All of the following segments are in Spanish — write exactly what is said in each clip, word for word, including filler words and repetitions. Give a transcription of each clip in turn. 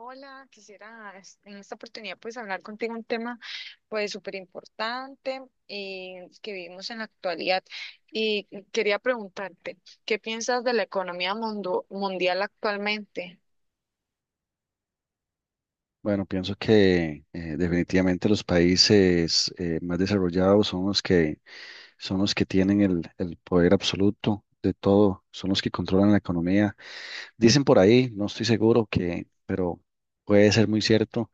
Hola, quisiera es- en esta oportunidad pues hablar contigo un tema pues súper importante, eh, que vivimos en la actualidad y quería preguntarte, ¿qué piensas de la economía mundo- mundial actualmente? Bueno, pienso que eh, definitivamente los países eh, más desarrollados son los que son los que tienen el, el poder absoluto de todo, son los que controlan la economía. Dicen por ahí, no estoy seguro que, pero puede ser muy cierto,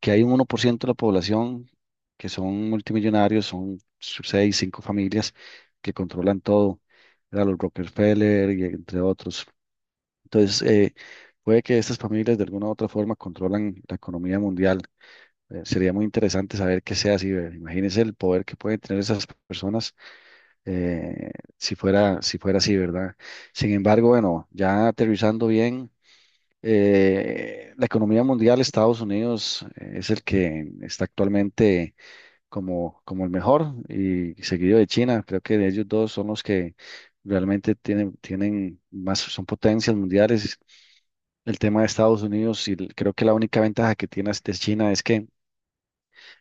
que hay un uno por ciento de la población que son multimillonarios, son seis, cinco familias que controlan todo, ¿verdad? Los Rockefeller y entre otros. Entonces, eh, puede que estas familias de alguna u otra forma controlan la economía mundial. Eh, Sería muy interesante saber qué sea así, ¿verdad? Imagínense el poder que pueden tener esas personas eh, si fuera, si fuera así, ¿verdad? Sin embargo, bueno, ya aterrizando bien, eh, la economía mundial, Estados Unidos eh, es el que está actualmente como, como el mejor y seguido de China. Creo que ellos dos son los que realmente tienen, tienen más, son potencias mundiales. El tema de Estados Unidos y creo que la única ventaja que tiene de China es que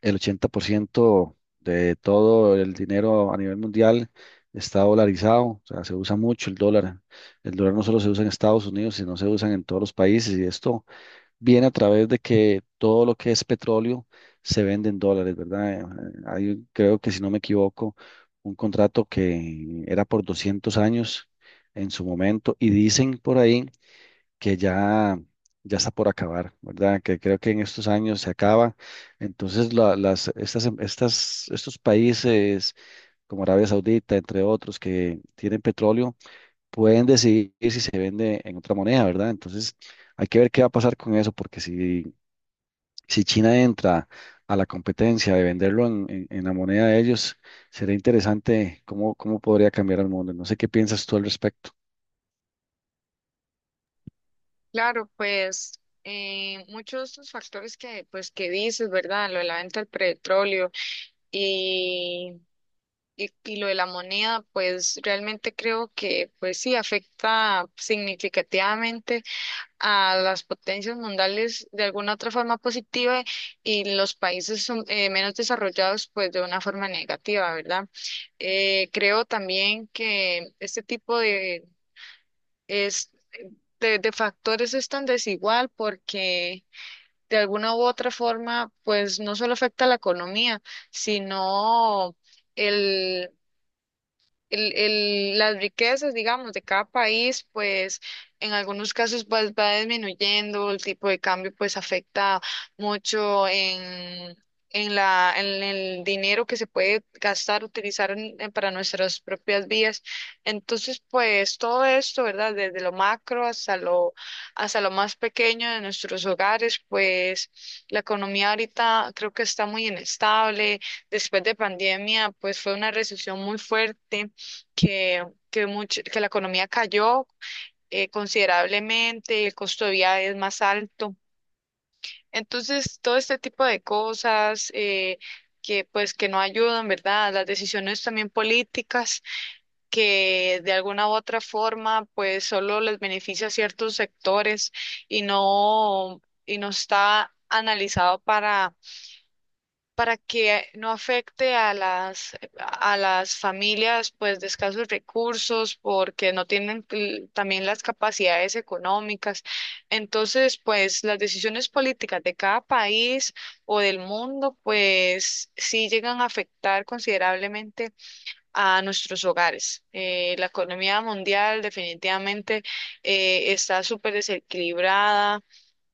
el ochenta por ciento de todo el dinero a nivel mundial está dolarizado, o sea, se usa mucho el dólar. El dólar no solo se usa en Estados Unidos, sino se usa en todos los países y esto viene a través de que todo lo que es petróleo se vende en dólares, ¿verdad? Eh, Hay, un- creo que si no me equivoco, un contrato que era por doscientos años en su momento y dicen por ahí que ya, ya está por acabar, ¿verdad? Que creo que en estos años se acaba. Entonces, la- las, estas, em- estas, estos países como Arabia Saudita, entre otros, que tienen petróleo, pueden decidir si se vende en otra moneda, ¿verdad? Entonces, hay que ver qué va a pasar con eso, porque si, si China entra a la competencia de venderlo en, en- en la moneda de ellos, sería interesante cómo, cómo podría cambiar el mundo. No sé qué piensas tú al respecto. Claro, pues eh, muchos de estos factores que pues que dices, ¿verdad? Lo de la venta del petróleo y, y, y lo de la moneda, pues realmente creo que pues sí afecta significativamente a las potencias mundiales de alguna otra forma positiva y los países son- eh, menos desarrollados pues de una forma negativa, ¿verdad? Eh, creo también que este tipo de, es- de, de factores es tan desigual porque de alguna u otra forma pues no solo afecta a la economía, sino el, el- las riquezas, digamos, de cada país, pues en algunos casos pues, va disminuyendo, el tipo de cambio pues afecta mucho en, en la, en el dinero que se puede gastar, utilizar en- en- para nuestras propias vías. Entonces, pues todo esto, ¿verdad? Desde lo macro hasta lo, hasta lo más pequeño de nuestros hogares, pues la economía ahorita creo que está muy inestable. Después de pandemia, pues fue una recesión muy fuerte que, que, mucho, que la economía cayó eh, considerablemente, el costo de vida es más alto. Entonces, todo este tipo de cosas, eh, que pues que no ayudan, ¿verdad? Las decisiones también políticas que de alguna u otra forma pues solo les beneficia a ciertos sectores y no, y no está analizado para para que no afecte a las, a las familias pues de escasos recursos porque no tienen l- también las capacidades económicas. Entonces, pues las decisiones políticas de cada país o del mundo pues sí llegan a afectar considerablemente a nuestros hogares. Eh, la economía mundial definitivamente eh, está súper desequilibrada,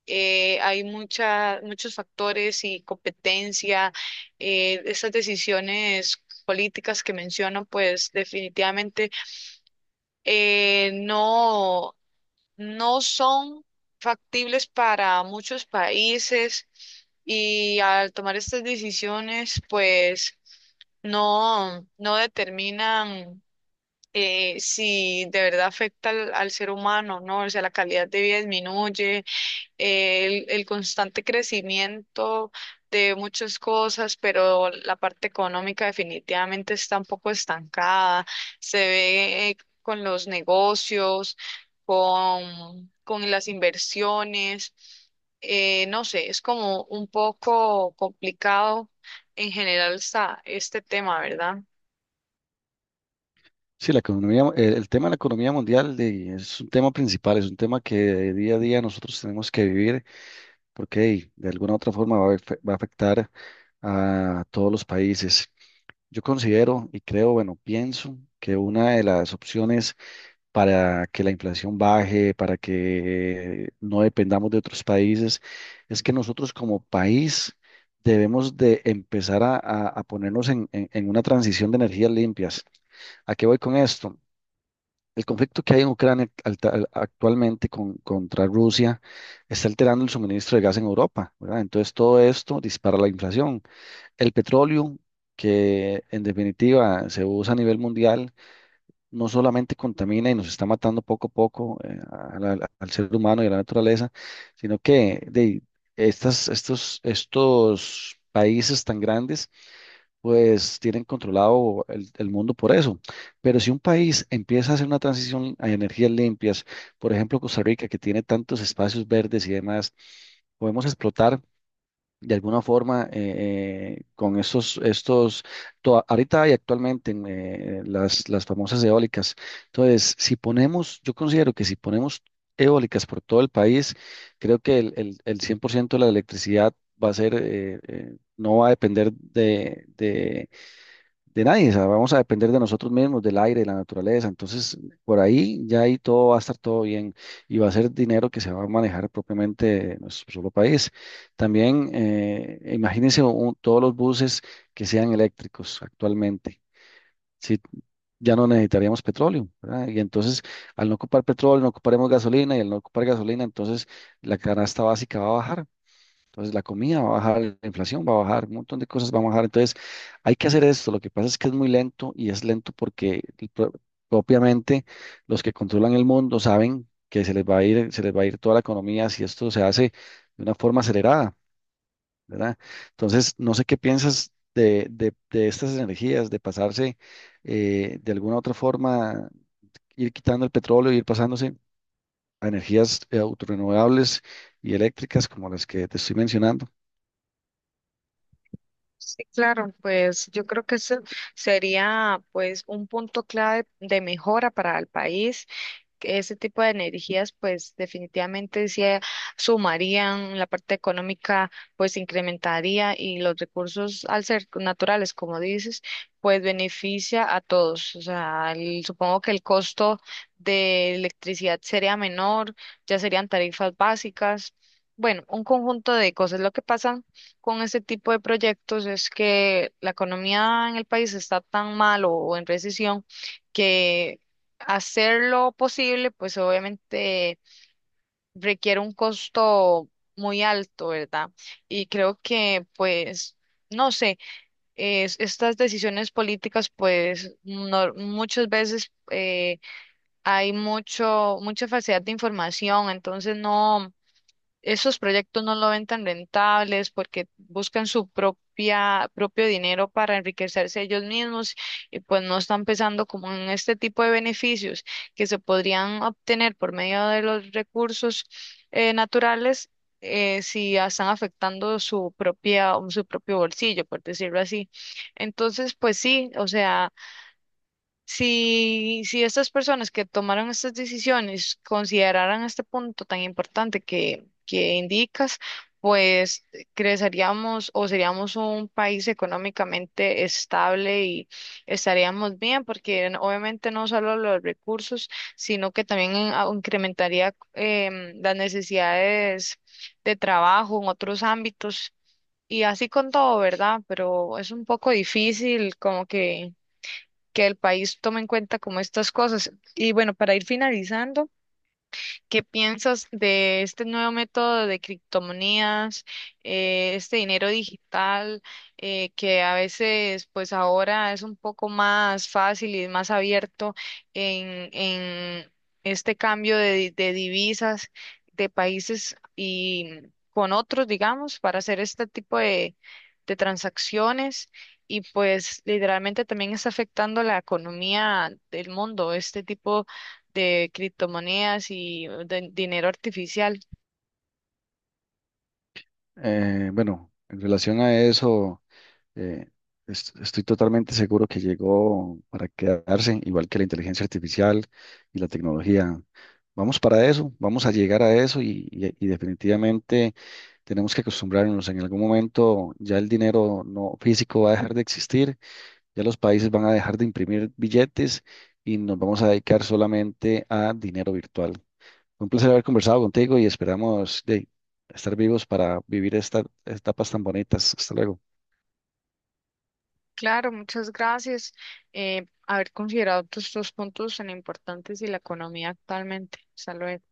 eh, hay mucha, muchos factores y competencia. Eh, esas decisiones políticas que menciono, pues definitivamente, eh, no, no son factibles para muchos países y al tomar estas decisiones, pues no, no determinan eh, si de verdad afecta al, al ser humano, ¿no? O sea, la calidad de vida disminuye el, el constante crecimiento de muchas cosas, pero la parte económica definitivamente está un poco estancada. Se ve, eh, con los negocios, con, con las inversiones. Eh, no sé, es como un poco complicado, en general está este tema, ¿verdad? Sí, la economía, el, el tema de la economía mundial de- es un tema principal, es un tema que de día a día nosotros tenemos que vivir porque hey, de alguna u otra forma va a, afe- va a afectar a todos los países. Yo considero y creo, bueno, pienso que una de las opciones para que la inflación baje, para que no dependamos de otros países, es que nosotros como país debemos de empezar a, a- a ponernos en en- en una transición de energías limpias. ¿A qué voy con esto? El conflicto que hay en Ucrania alta- actualmente con- contra Rusia está alterando el suministro de gas en Europa, ¿verdad? Entonces todo esto dispara la inflación. El petróleo, que en definitiva se usa a nivel mundial, no solamente contamina y nos está matando poco a poco eh, a la- al ser humano y a la naturaleza, sino que de estas, estos, estos países tan grandes pues tienen controlado el, el mundo por eso. Pero si un país empieza a hacer una transición a energías limpias, por ejemplo Costa Rica, que tiene tantos espacios verdes y demás, podemos explotar de alguna forma eh, eh, con estos, estos, to- ahorita y actualmente en, eh, eh, las, las famosas eólicas. Entonces, si ponemos, yo considero que si ponemos eólicas por todo el país, creo que el, el, el cien por ciento de la electricidad va a ser, eh, eh, no va a depender de, de de nadie, o sea, vamos a depender de nosotros mismos, del aire, de la naturaleza. Entonces, por ahí ya ahí todo va a estar todo bien y va a ser dinero que se va a manejar propiamente en nuestro solo país. También, eh, imagínense un- todos los buses que sean eléctricos actualmente. Sí, ya no necesitaríamos petróleo, ¿verdad? Y entonces, al no ocupar petróleo, no ocuparemos gasolina y al no ocupar gasolina, entonces la canasta básica va a bajar. Entonces la comida va a bajar, la inflación va a bajar, un montón de cosas van a bajar. Entonces hay que hacer esto. Lo que pasa es que es muy lento y es lento porque el pro- propiamente los que controlan el mundo saben que se les va a ir, se les va a ir toda la economía si esto se hace de una forma acelerada, ¿verdad? Entonces no sé qué piensas de, de, de estas energías, de pasarse eh, de alguna otra forma, ir quitando el petróleo, ir pasándose a energías eh, autorrenovables y eléctricas como las que te estoy mencionando. Sí, claro, pues yo creo que ese sería pues un punto clave de mejora para el país. Que Ese tipo de energías pues definitivamente se sumarían, la parte económica pues incrementaría y los recursos al ser naturales, como dices, pues beneficia a todos. O sea, el- supongo que el costo de electricidad sería menor, ya serían tarifas básicas. Bueno, un conjunto de cosas. Lo que pasa con ese tipo de proyectos es que la economía en el país está tan mal o en recesión que hacer lo posible, pues obviamente requiere un costo muy alto, ¿verdad? Y creo que, pues, no sé, es- estas decisiones políticas, pues, no- muchas veces, eh, hay mucho, mucha falsedad de información, entonces no, esos proyectos no lo ven tan rentables porque buscan su propia, propio dinero para enriquecerse ellos mismos y pues no están pensando como en este tipo de beneficios que se podrían obtener por medio de los recursos, eh, naturales, eh, si ya están afectando su propia, su propio bolsillo, por decirlo así. Entonces, pues sí, o sea. Si, si estas personas que tomaron estas decisiones consideraran este punto tan importante que, que indicas, pues creceríamos o seríamos un país económicamente estable y estaríamos bien, porque n- obviamente no solo los recursos, sino que también en- au- incrementaría em, las necesidades de trabajo en otros ámbitos. Y así con todo, ¿verdad? Pero es un poco difícil como que que el país tome en cuenta como estas cosas. Y bueno, para ir finalizando. ¿Qué piensas de este nuevo método de criptomonedas, eh, este dinero digital, eh, que a veces, pues ahora es un poco más fácil y más abierto en, en este cambio de, de divisas de países y con otros, digamos, para hacer este tipo de, de transacciones? Y pues literalmente también está afectando la economía del mundo, este tipo de criptomonedas y de dinero artificial. Eh, bueno, en relación a eso, eh, est- estoy totalmente seguro que llegó para quedarse, igual que la inteligencia artificial y la tecnología. Vamos para eso, vamos a llegar a eso y, y- y definitivamente tenemos que acostumbrarnos. En algún momento ya el dinero no físico va a dejar de existir, ya los países van a dejar de imprimir billetes y nos vamos a dedicar solamente a dinero virtual. Fue un placer haber conversado contigo y esperamos de estar vivos para vivir estas etapas tan bonitas. Hasta luego. Claro, muchas gracias. Eh, haber considerado todos estos puntos tan importantes y la economía actualmente. Hasta luego.